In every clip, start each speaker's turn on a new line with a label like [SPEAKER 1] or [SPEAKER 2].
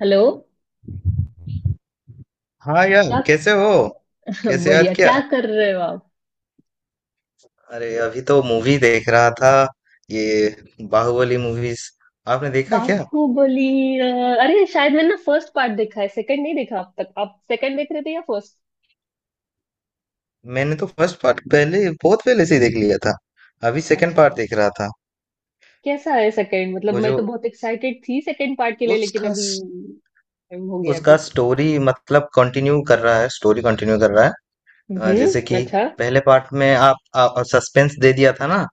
[SPEAKER 1] Hello.
[SPEAKER 2] हाँ यार
[SPEAKER 1] क्या?
[SPEAKER 2] कैसे हो। कैसे याद
[SPEAKER 1] बढ़िया।
[SPEAKER 2] किया।
[SPEAKER 1] क्या कर रहे हो आप?
[SPEAKER 2] अरे अभी तो मूवी देख रहा था। ये बाहुबली मूवीज आपने देखा क्या?
[SPEAKER 1] बापू बोली। अ, अरे शायद मैंने ना फर्स्ट पार्ट देखा है, सेकंड नहीं देखा अब तक। आप सेकंड देख रहे थे या फर्स्ट?
[SPEAKER 2] मैंने तो फर्स्ट पार्ट पहले बहुत पहले से ही देख लिया था। अभी सेकंड
[SPEAKER 1] अच्छा।
[SPEAKER 2] पार्ट देख रहा था।
[SPEAKER 1] कैसा है सेकंड? मतलब
[SPEAKER 2] वो
[SPEAKER 1] मैं
[SPEAKER 2] जो
[SPEAKER 1] तो बहुत एक्साइटेड थी सेकंड पार्ट के लिए, लेकिन
[SPEAKER 2] उसका
[SPEAKER 1] अभी
[SPEAKER 2] स-
[SPEAKER 1] time हो गया
[SPEAKER 2] उसका
[SPEAKER 1] अभी।
[SPEAKER 2] स्टोरी मतलब कंटिन्यू कर रहा है, स्टोरी कंटिन्यू कर रहा है।
[SPEAKER 1] हम्म,
[SPEAKER 2] जैसे कि
[SPEAKER 1] अच्छा।
[SPEAKER 2] पहले पार्ट में आप सस्पेंस दे दिया था ना।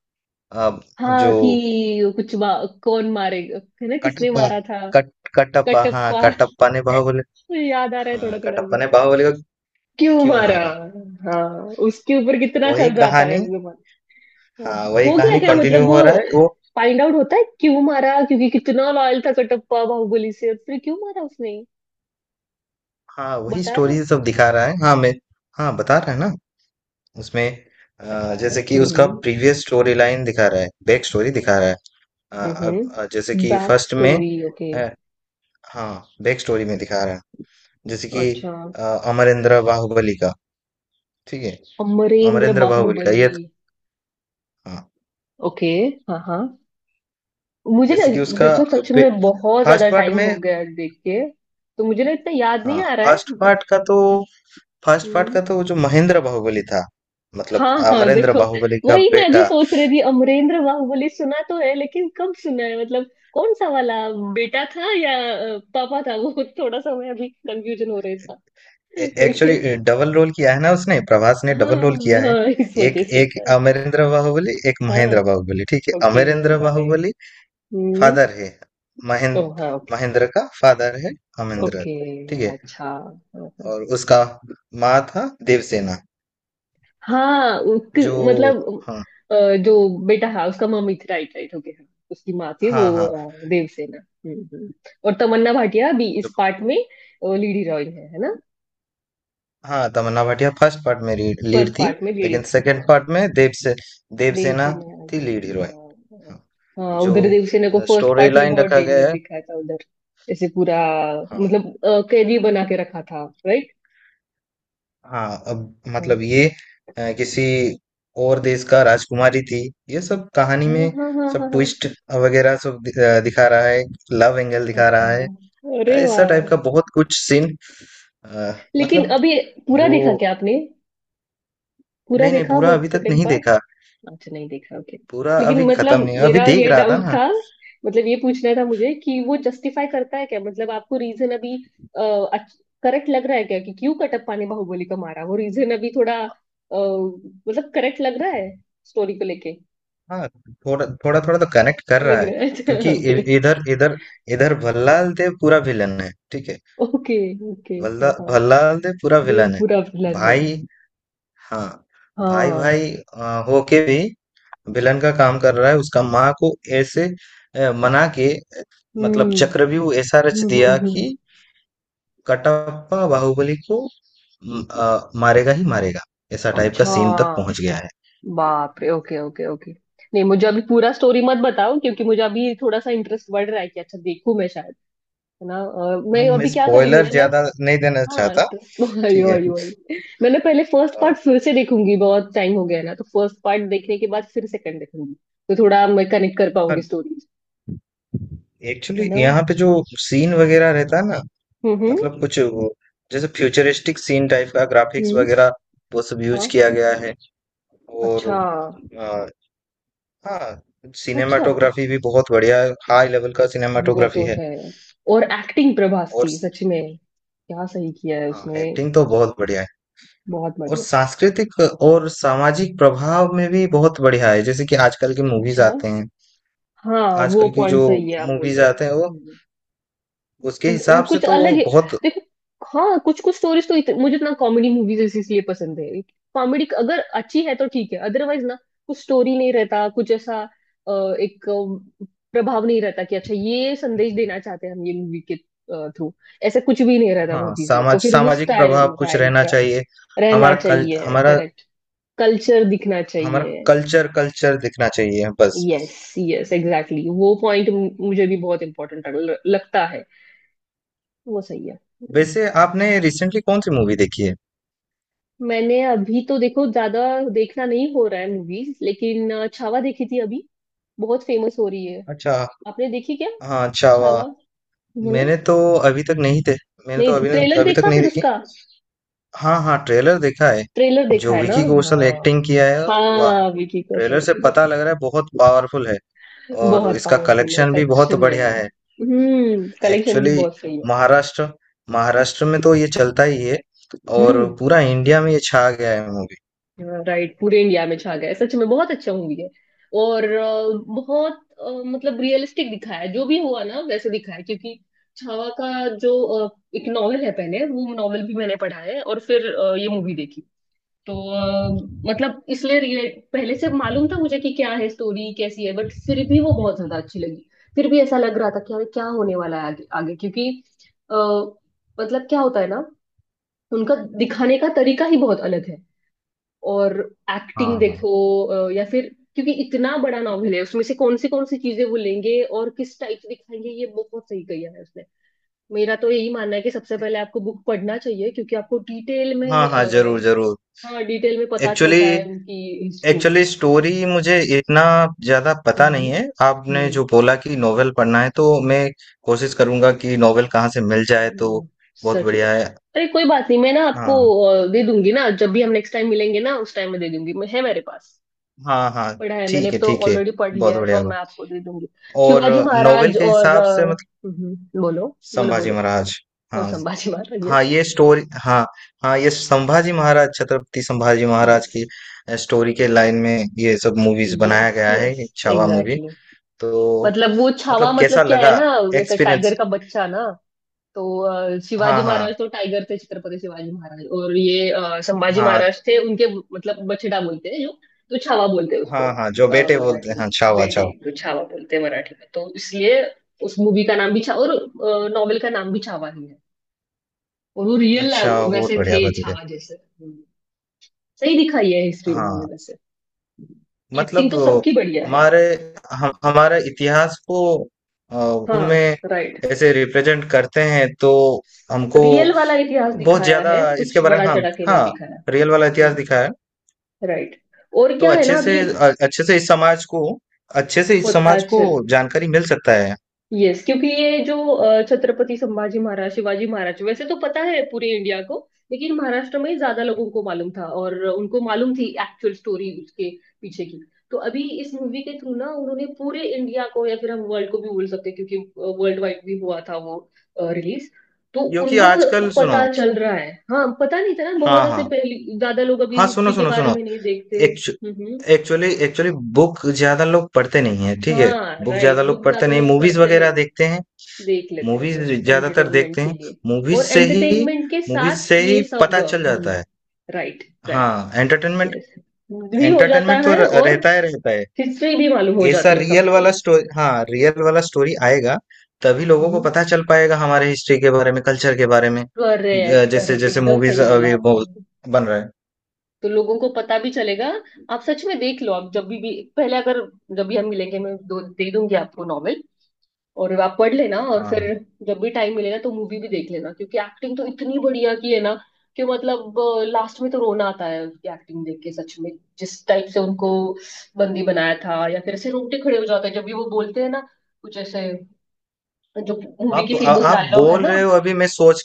[SPEAKER 2] अ,
[SPEAKER 1] हाँ
[SPEAKER 2] जो
[SPEAKER 1] कि कुछ कौन मारेगा, है ना? किसने
[SPEAKER 2] कटप्पा,
[SPEAKER 1] मारा था?
[SPEAKER 2] कट कटप्पा, हाँ
[SPEAKER 1] कटप्पा।
[SPEAKER 2] कटप्पा ने बाहुबली,
[SPEAKER 1] मुझे याद आ रहा है थोड़ा
[SPEAKER 2] हाँ
[SPEAKER 1] थोड़ा भी।
[SPEAKER 2] कटप्पा ने बाहुबली को
[SPEAKER 1] क्यों
[SPEAKER 2] क्यों
[SPEAKER 1] मारा?
[SPEAKER 2] मारा।
[SPEAKER 1] हाँ। उसके ऊपर कितना
[SPEAKER 2] वही
[SPEAKER 1] चल रहा था
[SPEAKER 2] कहानी।
[SPEAKER 1] इस,
[SPEAKER 2] हाँ वही
[SPEAKER 1] खो गया
[SPEAKER 2] कहानी
[SPEAKER 1] क्या?
[SPEAKER 2] कंटिन्यू
[SPEAKER 1] मतलब वो
[SPEAKER 2] हो रहा है वो।
[SPEAKER 1] फाइंड आउट होता है क्यों मारा, क्योंकि कितना लॉयल था कटप्पा बाहुबली से और फिर क्यों मारा उसने।
[SPEAKER 2] हाँ वही
[SPEAKER 1] बता रहा है
[SPEAKER 2] स्टोरी
[SPEAKER 1] उसको।
[SPEAKER 2] सब दिखा रहा है, हाँ। मैं, हाँ, बता रहा है ना। उसमें
[SPEAKER 1] अच्छा
[SPEAKER 2] जैसे कि
[SPEAKER 1] हम्म।
[SPEAKER 2] उसका प्रीवियस स्टोरी लाइन दिखा रहा है, बैक स्टोरी दिखा रहा है। अ, अब जैसे
[SPEAKER 1] हम्म,
[SPEAKER 2] कि
[SPEAKER 1] बैक
[SPEAKER 2] फर्स्ट में,
[SPEAKER 1] स्टोरी ओके।
[SPEAKER 2] अ, हाँ बैक स्टोरी में दिखा रहा है। जैसे कि
[SPEAKER 1] अच्छा।
[SPEAKER 2] अ, अमरेंद्र बाहुबली का, ठीक है,
[SPEAKER 1] अमरेंद्र
[SPEAKER 2] अमरेंद्र बाहुबली का ये
[SPEAKER 1] बाहुबली।
[SPEAKER 2] तो, हाँ।
[SPEAKER 1] ओके। हाँ हाँ। मुझे ना,
[SPEAKER 2] जैसे कि उसका
[SPEAKER 1] देखो सच में बहुत ज्यादा
[SPEAKER 2] फर्स्ट पार्ट
[SPEAKER 1] टाइम हो
[SPEAKER 2] में,
[SPEAKER 1] गया देख के, तो मुझे ना इतना याद नहीं
[SPEAKER 2] हाँ
[SPEAKER 1] आ रहा है।
[SPEAKER 2] फर्स्ट पार्ट का तो, फर्स्ट पार्ट का
[SPEAKER 1] बट
[SPEAKER 2] तो वो जो महेंद्र बाहुबली था, मतलब
[SPEAKER 1] हाँ हाँ
[SPEAKER 2] अमरेंद्र
[SPEAKER 1] देखो,
[SPEAKER 2] बाहुबली का
[SPEAKER 1] वही मैं भी
[SPEAKER 2] बेटा।
[SPEAKER 1] सोच रही थी। अमरेंद्र बाहुबली सुना तो है, लेकिन कब सुना है, मतलब कौन सा वाला? बेटा था या पापा था, वो थोड़ा सा मैं अभी कंफ्यूजन हो रहा था। ओके।
[SPEAKER 2] एक्चुअली डबल रोल किया है ना उसने, प्रभास ने
[SPEAKER 1] हाँ
[SPEAKER 2] डबल रोल किया है।
[SPEAKER 1] हाँ इस
[SPEAKER 2] एक
[SPEAKER 1] वजह से
[SPEAKER 2] एक
[SPEAKER 1] शायद।
[SPEAKER 2] अमरेंद्र बाहुबली, एक
[SPEAKER 1] हाँ
[SPEAKER 2] महेंद्र बाहुबली, ठीक है।
[SPEAKER 1] ओके
[SPEAKER 2] अमरेंद्र
[SPEAKER 1] राइट
[SPEAKER 2] बाहुबली
[SPEAKER 1] हम्म।
[SPEAKER 2] फादर है,
[SPEAKER 1] ओ
[SPEAKER 2] महेंद्र,
[SPEAKER 1] हाँ ओके।
[SPEAKER 2] महेंद्र का फादर है अमरेंद्र,
[SPEAKER 1] ओके
[SPEAKER 2] ठीक है।
[SPEAKER 1] अच्छा हाँ, हाँ।
[SPEAKER 2] और उसका माँ था देवसेना,
[SPEAKER 1] हाँ
[SPEAKER 2] जो,
[SPEAKER 1] मतलब
[SPEAKER 2] हाँ
[SPEAKER 1] अ, जो बेटा है उसका मम्मी थी, राइट राइट ओके। हाँ उसकी माँ थी वो,
[SPEAKER 2] हाँ हाँ,
[SPEAKER 1] देवसेना। हम्म हम्म। और तमन्ना भाटिया भी
[SPEAKER 2] जो,
[SPEAKER 1] इस पार्ट में लीड हीरोइन है ना?
[SPEAKER 2] हाँ तमन्ना भाटिया फर्स्ट पार्ट में लीड
[SPEAKER 1] फर्स्ट
[SPEAKER 2] थी।
[SPEAKER 1] पार्ट में
[SPEAKER 2] लेकिन
[SPEAKER 1] लीड थी,
[SPEAKER 2] सेकंड
[SPEAKER 1] हाँ।
[SPEAKER 2] पार्ट में देवसेना
[SPEAKER 1] देवसेना।
[SPEAKER 2] थी
[SPEAKER 1] लीड।
[SPEAKER 2] Lead hero.
[SPEAKER 1] हाँ
[SPEAKER 2] हाँ,
[SPEAKER 1] हाँ,
[SPEAKER 2] जो
[SPEAKER 1] उधर देवसेना को फर्स्ट
[SPEAKER 2] स्टोरी
[SPEAKER 1] पार्ट में
[SPEAKER 2] लाइन
[SPEAKER 1] बहुत
[SPEAKER 2] रखा गया
[SPEAKER 1] डेंजर
[SPEAKER 2] है,
[SPEAKER 1] दिखाया था उधर। ऐसे पूरा
[SPEAKER 2] हाँ
[SPEAKER 1] मतलब कैदी बना के रखा था, राइट।
[SPEAKER 2] हाँ। अब
[SPEAKER 1] हाँ
[SPEAKER 2] मतलब ये किसी और देश का राजकुमारी थी, ये सब कहानी
[SPEAKER 1] हाँ
[SPEAKER 2] में,
[SPEAKER 1] हाँ हाँ हाँ
[SPEAKER 2] सब
[SPEAKER 1] हाँ।
[SPEAKER 2] ट्विस्ट वगैरह सब दिखा रहा है, लव एंगल दिखा
[SPEAKER 1] अच्छा
[SPEAKER 2] रहा है,
[SPEAKER 1] अरे
[SPEAKER 2] ऐसा
[SPEAKER 1] वाह।
[SPEAKER 2] टाइप का बहुत कुछ सीन।
[SPEAKER 1] लेकिन
[SPEAKER 2] मतलब
[SPEAKER 1] अभी पूरा देखा
[SPEAKER 2] जो,
[SPEAKER 1] क्या आपने? पूरा
[SPEAKER 2] नहीं नहीं,
[SPEAKER 1] देखा वो
[SPEAKER 2] पूरा अभी तक
[SPEAKER 1] सेकंड
[SPEAKER 2] नहीं
[SPEAKER 1] पार्ट?
[SPEAKER 2] देखा।
[SPEAKER 1] अच्छा नहीं देखा ओके।
[SPEAKER 2] पूरा
[SPEAKER 1] लेकिन
[SPEAKER 2] अभी खत्म
[SPEAKER 1] मतलब
[SPEAKER 2] नहीं, अभी
[SPEAKER 1] मेरा
[SPEAKER 2] देख
[SPEAKER 1] ये
[SPEAKER 2] रहा था
[SPEAKER 1] डाउट
[SPEAKER 2] ना।
[SPEAKER 1] था, मतलब ये पूछना था मुझे कि वो जस्टिफाई करता है क्या? मतलब आपको रीजन अभी करेक्ट लग रहा है क्या कि क्यों कटप्पा ने बाहुबली को मारा? वो रीजन अभी थोड़ा मतलब करेक्ट लग रहा है स्टोरी को लेके?
[SPEAKER 2] हाँ थोड़ा थोड़ा थोड़ा तो कनेक्ट कर रहा
[SPEAKER 1] लग
[SPEAKER 2] है,
[SPEAKER 1] रहा है, अच्छा
[SPEAKER 2] क्योंकि
[SPEAKER 1] ओके
[SPEAKER 2] इधर इधर इधर भल्लाल देव पूरा विलन है, ठीक है।
[SPEAKER 1] Okay okay. हाँ हाँ
[SPEAKER 2] भल्लाल दे पूरा
[SPEAKER 1] देव
[SPEAKER 2] विलन है।
[SPEAKER 1] बुरा विलन है।
[SPEAKER 2] भाई, हाँ, भाई
[SPEAKER 1] हाँ।
[SPEAKER 2] भाई होके भी विलन का काम कर रहा है। उसका माँ को ऐसे मना के मतलब
[SPEAKER 1] हम्म
[SPEAKER 2] चक्रव्यूह ऐसा रच
[SPEAKER 1] हम्म
[SPEAKER 2] दिया
[SPEAKER 1] हम्म
[SPEAKER 2] कि
[SPEAKER 1] हम्म।
[SPEAKER 2] कटप्पा बाहुबली को मारेगा ही मारेगा, ऐसा टाइप का
[SPEAKER 1] अच्छा
[SPEAKER 2] सीन तक पहुंच गया है।
[SPEAKER 1] बाप रे ओके ओके ओके। नहीं मुझे अभी पूरा स्टोरी मत बताओ क्योंकि मुझे अभी थोड़ा सा इंटरेस्ट बढ़ रहा है कि अच्छा देखूं मैं शायद, है ना?
[SPEAKER 2] हाँ,
[SPEAKER 1] मैं
[SPEAKER 2] मैं
[SPEAKER 1] अभी क्या करेंगी
[SPEAKER 2] स्पॉइलर
[SPEAKER 1] ना मैं,
[SPEAKER 2] ज्यादा नहीं देना
[SPEAKER 1] हाँ
[SPEAKER 2] चाहता। ठीक
[SPEAKER 1] अयो
[SPEAKER 2] है,
[SPEAKER 1] अयो अयो। मैंने पहले फर्स्ट
[SPEAKER 2] अ,
[SPEAKER 1] पार्ट फिर से देखूंगी, बहुत टाइम हो गया ना, तो फर्स्ट पार्ट देखने के बाद फिर सेकंड देखूंगी, तो थोड़ा मैं कनेक्ट कर पाऊंगी
[SPEAKER 2] हाँ।
[SPEAKER 1] स्टोरी, है
[SPEAKER 2] एक्चुअली
[SPEAKER 1] ना।
[SPEAKER 2] यहाँ पे जो सीन वगैरह रहता है ना,
[SPEAKER 1] हम्म हम्म
[SPEAKER 2] मतलब कुछ वो जैसे फ्यूचरिस्टिक सीन टाइप का ग्राफिक्स
[SPEAKER 1] हम्म,
[SPEAKER 2] वगैरह वो सब यूज
[SPEAKER 1] हाँ
[SPEAKER 2] किया गया है। और
[SPEAKER 1] अच्छा।
[SPEAKER 2] आ, हाँ,
[SPEAKER 1] अच्छा अरे,
[SPEAKER 2] सिनेमाटोग्राफी भी बहुत बढ़िया है, हाई लेवल का
[SPEAKER 1] वो
[SPEAKER 2] सिनेमाटोग्राफी
[SPEAKER 1] तो
[SPEAKER 2] है।
[SPEAKER 1] है। और एक्टिंग प्रभास
[SPEAKER 2] और
[SPEAKER 1] की सच में, क्या सही किया है
[SPEAKER 2] हाँ
[SPEAKER 1] उसने!
[SPEAKER 2] एक्टिंग तो बहुत बढ़िया है।
[SPEAKER 1] बहुत
[SPEAKER 2] और
[SPEAKER 1] बढ़िया।
[SPEAKER 2] सांस्कृतिक और सामाजिक प्रभाव में भी बहुत बढ़िया है, जैसे कि आजकल की मूवीज
[SPEAKER 1] अच्छा
[SPEAKER 2] आते हैं,
[SPEAKER 1] हाँ वो
[SPEAKER 2] आजकल की जो
[SPEAKER 1] पॉइंट सही है आप बोल
[SPEAKER 2] मूवीज
[SPEAKER 1] रहे हो।
[SPEAKER 2] आते हैं वो,
[SPEAKER 1] हम्म।
[SPEAKER 2] उसके
[SPEAKER 1] वो
[SPEAKER 2] हिसाब से
[SPEAKER 1] कुछ अलग
[SPEAKER 2] तो
[SPEAKER 1] है।
[SPEAKER 2] बहुत।
[SPEAKER 1] देखो हाँ, कुछ कुछ स्टोरीज तो मुझे ना कॉमेडी मूवीज इसलिए पसंद है। कॉमेडी अगर अच्छी है तो ठीक है, अदरवाइज ना कुछ स्टोरी नहीं रहता, कुछ ऐसा एक अ, प्रभाव नहीं रहता कि अच्छा ये संदेश देना चाहते हैं हम ये मूवी के थ्रू। ऐसा कुछ भी नहीं रहता
[SPEAKER 2] हाँ
[SPEAKER 1] मूवीज में, तो
[SPEAKER 2] समाज
[SPEAKER 1] फिर उस
[SPEAKER 2] सामाजिक प्रभाव
[SPEAKER 1] टाइम
[SPEAKER 2] कुछ
[SPEAKER 1] राइट
[SPEAKER 2] रहना
[SPEAKER 1] राइट।
[SPEAKER 2] चाहिए,
[SPEAKER 1] रहना
[SPEAKER 2] हमारा कल
[SPEAKER 1] चाहिए
[SPEAKER 2] हमारा,
[SPEAKER 1] करेक्ट। कल्चर दिखना
[SPEAKER 2] हमारा
[SPEAKER 1] चाहिए।
[SPEAKER 2] कल्चर कल्चर दिखना चाहिए, बस बस।
[SPEAKER 1] यस यस एग्जैक्टली, वो पॉइंट मुझे भी बहुत इम्पोर्टेंट लगता है। वो सही है
[SPEAKER 2] वैसे आपने रिसेंटली कौन सी मूवी देखी है?
[SPEAKER 1] मैंने अभी तो देखो ज्यादा देखना नहीं हो रहा है मूवीज, लेकिन छावा देखी थी अभी, बहुत फेमस हो रही है।
[SPEAKER 2] अच्छा,
[SPEAKER 1] आपने देखी क्या?
[SPEAKER 2] हाँ अच्छा,
[SPEAKER 1] छावा,
[SPEAKER 2] वाह।
[SPEAKER 1] है ना?
[SPEAKER 2] मैंने तो अभी तक नहीं थे, मैंने तो
[SPEAKER 1] नहीं ट्रेलर
[SPEAKER 2] अभी तक
[SPEAKER 1] देखा
[SPEAKER 2] नहीं
[SPEAKER 1] फिर
[SPEAKER 2] देखी।
[SPEAKER 1] उसका,
[SPEAKER 2] हाँ हाँ ट्रेलर देखा है,
[SPEAKER 1] ट्रेलर देखा
[SPEAKER 2] जो
[SPEAKER 1] है ना।
[SPEAKER 2] विकी कौशल
[SPEAKER 1] हाँ
[SPEAKER 2] एक्टिंग किया है। वाह,
[SPEAKER 1] हाँ विकी
[SPEAKER 2] ट्रेलर
[SPEAKER 1] कौशल
[SPEAKER 2] से पता
[SPEAKER 1] yes.
[SPEAKER 2] लग रहा है बहुत पावरफुल है, और
[SPEAKER 1] बहुत
[SPEAKER 2] इसका
[SPEAKER 1] पावरफुल है
[SPEAKER 2] कलेक्शन भी
[SPEAKER 1] सच
[SPEAKER 2] बहुत बढ़िया
[SPEAKER 1] में।
[SPEAKER 2] है।
[SPEAKER 1] कलेक्शन भी
[SPEAKER 2] एक्चुअली
[SPEAKER 1] बहुत सही है।
[SPEAKER 2] महाराष्ट्र महाराष्ट्र में तो ये चलता ही है, और
[SPEAKER 1] हम्म।
[SPEAKER 2] पूरा इंडिया में ये छा गया है मूवी।
[SPEAKER 1] राइट पूरे इंडिया में छा गया है, सच में बहुत अच्छा मूवी है। और बहुत मतलब रियलिस्टिक दिखाया है, जो भी हुआ ना वैसे दिखाया है, क्योंकि छावा का जो अ, एक नॉवेल है पहले, वो नॉवेल भी मैंने पढ़ा है और फिर ये मूवी देखी। तो मतलब इसलिए पहले से मालूम था मुझे कि क्या है, स्टोरी कैसी है, बट फिर भी वो बहुत ज्यादा अच्छी लगी। फिर भी ऐसा लग रहा था कि अरे क्या होने वाला है आगे आगे, क्योंकि अ, मतलब क्या होता है ना, उनका दिखाने का तरीका ही बहुत अलग है। और
[SPEAKER 2] हाँ
[SPEAKER 1] एक्टिंग
[SPEAKER 2] हाँ
[SPEAKER 1] देखो, या फिर क्योंकि इतना बड़ा नॉवेल है, उसमें से कौन सी चीजें वो लेंगे और किस टाइप से दिखाएंगे, ये बहुत सही किया है उसने। मेरा तो यही मानना है कि सबसे पहले आपको बुक पढ़ना चाहिए क्योंकि आपको डिटेल
[SPEAKER 2] हाँ,
[SPEAKER 1] में
[SPEAKER 2] हाँ जरूर जरूर।
[SPEAKER 1] हाँ डिटेल में पता
[SPEAKER 2] एक्चुअली
[SPEAKER 1] चलता है उनकी हिस्ट्री।
[SPEAKER 2] एक्चुअली स्टोरी मुझे इतना ज़्यादा पता नहीं
[SPEAKER 1] हम्म
[SPEAKER 2] है। आपने
[SPEAKER 1] हम्म,
[SPEAKER 2] जो बोला कि नॉवेल पढ़ना है, तो मैं कोशिश करूँगा कि नॉवेल कहाँ से मिल जाए, तो
[SPEAKER 1] हम्म,
[SPEAKER 2] बहुत
[SPEAKER 1] सच में।
[SPEAKER 2] बढ़िया है।
[SPEAKER 1] अरे कोई बात नहीं, मैं ना आपको
[SPEAKER 2] हाँ,
[SPEAKER 1] दे दूंगी ना, जब भी हम नेक्स्ट टाइम मिलेंगे ना, उस टाइम में दे दूंगी, मैं है मेरे पास।
[SPEAKER 2] हाँ, हाँ।
[SPEAKER 1] पढ़ा है मैंने
[SPEAKER 2] ठीक है,
[SPEAKER 1] तो,
[SPEAKER 2] ठीक है।
[SPEAKER 1] ऑलरेडी पढ़
[SPEAKER 2] बहुत
[SPEAKER 1] लिया है, तो
[SPEAKER 2] बढ़िया
[SPEAKER 1] अब
[SPEAKER 2] होगा।
[SPEAKER 1] मैं आपको दे दूंगी।
[SPEAKER 2] और
[SPEAKER 1] शिवाजी
[SPEAKER 2] नॉवेल
[SPEAKER 1] महाराज
[SPEAKER 2] के
[SPEAKER 1] और
[SPEAKER 2] हिसाब से, मतलब
[SPEAKER 1] हम्म, बोलो। बोलो
[SPEAKER 2] संभाजी
[SPEAKER 1] बोलो
[SPEAKER 2] महाराज।
[SPEAKER 1] और
[SPEAKER 2] हाँ,
[SPEAKER 1] संभाजी महाराज।
[SPEAKER 2] हाँ, ये स्टोरी, हाँ, हाँ, ये संभाजी महाराज, छत्रपति संभाजी महाराज
[SPEAKER 1] यस
[SPEAKER 2] की स्टोरी के लाइन में ये सब मूवीज़ बनाया
[SPEAKER 1] यस
[SPEAKER 2] गया है,
[SPEAKER 1] यस
[SPEAKER 2] छावा मूवी।
[SPEAKER 1] एग्जैक्टली।
[SPEAKER 2] तो
[SPEAKER 1] मतलब वो छावा
[SPEAKER 2] मतलब
[SPEAKER 1] मतलब
[SPEAKER 2] कैसा
[SPEAKER 1] क्या है
[SPEAKER 2] लगा
[SPEAKER 1] ना, जैसे
[SPEAKER 2] एक्सपीरियंस?
[SPEAKER 1] टाइगर का बच्चा ना, तो शिवाजी
[SPEAKER 2] हाँ हाँ
[SPEAKER 1] महाराज तो टाइगर थे, छत्रपति शिवाजी महाराज, और ये संभाजी
[SPEAKER 2] हाँ
[SPEAKER 1] महाराज थे उनके मतलब बछड़ा बोलते हैं जो, तो छावा बोलते हैं उसको।
[SPEAKER 2] हाँ, हाँ जो बेटे बोलते हैं,
[SPEAKER 1] मराठी
[SPEAKER 2] हाँ
[SPEAKER 1] में
[SPEAKER 2] छावा
[SPEAKER 1] बेटे
[SPEAKER 2] छावा।
[SPEAKER 1] को छावा बोलते हैं मराठी में, तो इसलिए उस मूवी का नाम भी छावा और नॉवेल का नाम भी छावा ही है। और वो रियल
[SPEAKER 2] अच्छा बहुत
[SPEAKER 1] वैसे थे
[SPEAKER 2] बढ़िया बतूरे।
[SPEAKER 1] छावा जैसे सही दिखाई है हिस्ट्री उन्होंने
[SPEAKER 2] हाँ
[SPEAKER 1] वैसे, एक्टिंग
[SPEAKER 2] मतलब
[SPEAKER 1] तो सबकी बढ़िया है।
[SPEAKER 2] हमारे, हम हमारे इतिहास को अ,
[SPEAKER 1] हाँ
[SPEAKER 2] में
[SPEAKER 1] राइट।
[SPEAKER 2] ऐसे रिप्रेजेंट करते हैं तो हमको
[SPEAKER 1] रियल वाला इतिहास
[SPEAKER 2] बहुत
[SPEAKER 1] दिखाया
[SPEAKER 2] ज्यादा
[SPEAKER 1] है, कुछ
[SPEAKER 2] इसके बारे में,
[SPEAKER 1] बड़ा
[SPEAKER 2] हाँ
[SPEAKER 1] चढ़ा के नहीं
[SPEAKER 2] हाँ,
[SPEAKER 1] दिखाया।
[SPEAKER 2] रियल वाला इतिहास दिखाया है।
[SPEAKER 1] राइट। और
[SPEAKER 2] तो
[SPEAKER 1] क्या है
[SPEAKER 2] अच्छे
[SPEAKER 1] ना
[SPEAKER 2] से
[SPEAKER 1] अभी
[SPEAKER 2] अच्छे से इस समाज को, अच्छे से इस समाज को
[SPEAKER 1] कोत्ताचल,
[SPEAKER 2] जानकारी मिल सकता है।
[SPEAKER 1] यस क्योंकि ये जो छत्रपति संभाजी महाराज शिवाजी महाराज वैसे तो पता है पूरे इंडिया को, लेकिन महाराष्ट्र में ज्यादा लोगों को मालूम था और उनको मालूम थी एक्चुअल स्टोरी उसके पीछे की। तो अभी इस मूवी के थ्रू ना उन्होंने पूरे इंडिया को या फिर हम वर्ल्ड को भी बोल सकते हैं क्योंकि वर्ल्ड वाइड भी हुआ था वो रिलीज, तो
[SPEAKER 2] क्योंकि
[SPEAKER 1] उनको
[SPEAKER 2] आजकल सुनो,
[SPEAKER 1] पता चल रहा है। हाँ पता नहीं था ना बहुत,
[SPEAKER 2] हाँ
[SPEAKER 1] ऐसे
[SPEAKER 2] हाँ
[SPEAKER 1] पहले ज्यादा लोग अभी
[SPEAKER 2] हाँ, सुनो
[SPEAKER 1] हिस्ट्री के
[SPEAKER 2] सुनो
[SPEAKER 1] बारे
[SPEAKER 2] सुनो।
[SPEAKER 1] में नहीं देखते।
[SPEAKER 2] एक्चु एक्चुअली बुक ज़्यादा लोग पढ़ते नहीं हैं, ठीक है?
[SPEAKER 1] हाँ
[SPEAKER 2] बुक ज़्यादा
[SPEAKER 1] राइट बुक
[SPEAKER 2] लोग पढ़ते
[SPEAKER 1] ज्यादा
[SPEAKER 2] नहीं,
[SPEAKER 1] लोग
[SPEAKER 2] मूवीज़
[SPEAKER 1] पढ़ते
[SPEAKER 2] वग़ैरह
[SPEAKER 1] नहीं,
[SPEAKER 2] देखते हैं,
[SPEAKER 1] देख लेते हैं,
[SPEAKER 2] मूवीज़
[SPEAKER 1] यस
[SPEAKER 2] ज़्यादातर देखते
[SPEAKER 1] एंटरटेनमेंट के
[SPEAKER 2] हैं।
[SPEAKER 1] लिए। और
[SPEAKER 2] मूवीज़ से ही
[SPEAKER 1] एंटरटेनमेंट के
[SPEAKER 2] मूवीज़
[SPEAKER 1] साथ
[SPEAKER 2] से
[SPEAKER 1] ये
[SPEAKER 2] ही
[SPEAKER 1] सब
[SPEAKER 2] पता चल जाता
[SPEAKER 1] हम्म।
[SPEAKER 2] है।
[SPEAKER 1] राइट राइट
[SPEAKER 2] हाँ, एंटरटेनमेंट,
[SPEAKER 1] यस, भी हो जाता
[SPEAKER 2] एंटरटेनमेंट तो
[SPEAKER 1] है,
[SPEAKER 2] र
[SPEAKER 1] और
[SPEAKER 2] रहता है रहता है।
[SPEAKER 1] हिस्ट्री भी मालूम हो
[SPEAKER 2] ऐसा
[SPEAKER 1] जाती है
[SPEAKER 2] रियल
[SPEAKER 1] सबको।
[SPEAKER 2] वाला स्टो हाँ, रियल वाला स्टोरी आएगा, तभी लोगों को
[SPEAKER 1] हम्म।
[SPEAKER 2] पता चल पाएगा हमारे हिस्ट्री के बारे में, कल्चर के बारे में।
[SPEAKER 1] करेक्ट करेक्ट
[SPEAKER 2] जैसे-जैसे
[SPEAKER 1] एकदम सही
[SPEAKER 2] मूवीज़
[SPEAKER 1] बोला
[SPEAKER 2] अभी वो
[SPEAKER 1] आपने।
[SPEAKER 2] बन रहा है।
[SPEAKER 1] तो लोगों को पता भी चलेगा। आप सच में देख लो, आप जब भी पहले अगर, जब भी हम मिलेंगे मैं दो दे दूंगी आपको नॉवेल, और आप पढ़ लेना, और फिर
[SPEAKER 2] हाँ।
[SPEAKER 1] जब भी टाइम मिले ना तो मूवी भी देख लेना क्योंकि एक्टिंग तो इतनी बढ़िया की है ना, कि मतलब लास्ट में तो रोना आता है उनकी एक्टिंग देख के सच में, जिस टाइप से उनको बंदी बनाया था या फिर ऐसे रोंगटे खड़े हो जाते हैं जब भी वो बोलते हैं ना, कुछ ऐसे जो मूवी के फेमस
[SPEAKER 2] आप
[SPEAKER 1] डायलॉग है
[SPEAKER 2] बोल
[SPEAKER 1] ना।
[SPEAKER 2] रहे हो, अभी मैं सोच,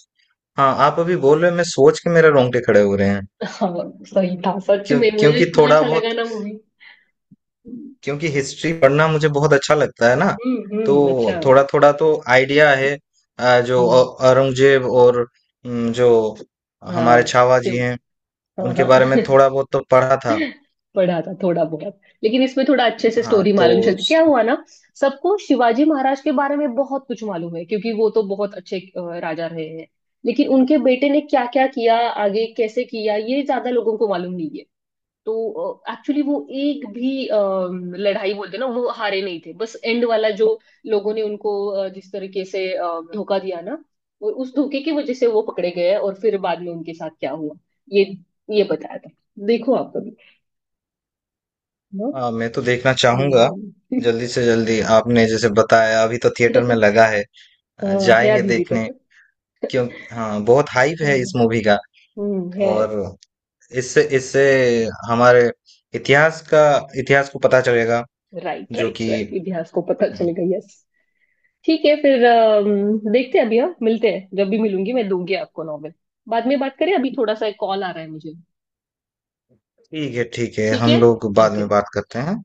[SPEAKER 2] हाँ आप अभी बोल रहे हो, मैं सोच के मेरे रोंगटे खड़े हो रहे हैं।
[SPEAKER 1] हाँ सही था सच
[SPEAKER 2] क्यों?
[SPEAKER 1] में, मुझे
[SPEAKER 2] क्योंकि
[SPEAKER 1] इतना
[SPEAKER 2] थोड़ा
[SPEAKER 1] अच्छा
[SPEAKER 2] बहुत,
[SPEAKER 1] लगा ना मूवी।
[SPEAKER 2] क्योंकि हिस्ट्री पढ़ना मुझे बहुत अच्छा लगता है ना, तो
[SPEAKER 1] अच्छा।
[SPEAKER 2] थोड़ा थोड़ा तो आइडिया है। आ, जो औ-
[SPEAKER 1] हम्म,
[SPEAKER 2] औरंगजेब और, जो हमारे
[SPEAKER 1] हाँ
[SPEAKER 2] छावा जी
[SPEAKER 1] सिर्फ।
[SPEAKER 2] हैं
[SPEAKER 1] हाँ
[SPEAKER 2] उनके
[SPEAKER 1] हाँ
[SPEAKER 2] बारे में थोड़ा बहुत तो पढ़ा था।
[SPEAKER 1] पढ़ा था थोड़ा बहुत, लेकिन इसमें थोड़ा अच्छे से
[SPEAKER 2] हाँ
[SPEAKER 1] स्टोरी
[SPEAKER 2] तो,
[SPEAKER 1] मालूम चलती, क्या हुआ ना। सबको शिवाजी महाराज के बारे में बहुत कुछ मालूम है क्योंकि वो तो बहुत अच्छे राजा रहे हैं, लेकिन उनके बेटे ने क्या क्या किया आगे, कैसे किया, ये ज्यादा लोगों को मालूम नहीं है। तो एक्चुअली वो एक भी लड़ाई बोलते ना वो हारे नहीं थे, बस एंड वाला जो लोगों ने उनको जिस तरीके से धोखा दिया ना, वो उस धोखे की वजह से वो पकड़े गए और फिर बाद में उनके साथ क्या हुआ, ये ये बताया था। देखो आप कभी।
[SPEAKER 2] हाँ, मैं तो देखना चाहूंगा
[SPEAKER 1] हम्म।
[SPEAKER 2] जल्दी से जल्दी। आपने जैसे बताया अभी तो थिएटर में लगा है,
[SPEAKER 1] हाँ है
[SPEAKER 2] जाएंगे
[SPEAKER 1] दीदी
[SPEAKER 2] देखने।
[SPEAKER 1] तेरे।
[SPEAKER 2] क्यों, हाँ बहुत हाइप है इस
[SPEAKER 1] हाँ
[SPEAKER 2] मूवी का।
[SPEAKER 1] है।
[SPEAKER 2] और इससे इससे हमारे इतिहास का इतिहास को पता चलेगा,
[SPEAKER 1] राइट
[SPEAKER 2] जो
[SPEAKER 1] राइट
[SPEAKER 2] कि,
[SPEAKER 1] राइट इतिहास को पता चलेगा यस। ठीक है फिर देखते हैं अभी, हम मिलते हैं जब भी, मिलूंगी मैं दूंगी आपको नॉवेल। बाद में बात करें, अभी थोड़ा सा एक कॉल आ रहा है मुझे।
[SPEAKER 2] ठीक है ठीक है,
[SPEAKER 1] ठीक है
[SPEAKER 2] हम लोग बाद
[SPEAKER 1] ओके
[SPEAKER 2] में बात करते हैं।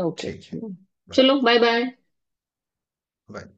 [SPEAKER 1] ओके।
[SPEAKER 2] ठीक है। बाय
[SPEAKER 1] चलो बाय बाय।
[SPEAKER 2] बाय।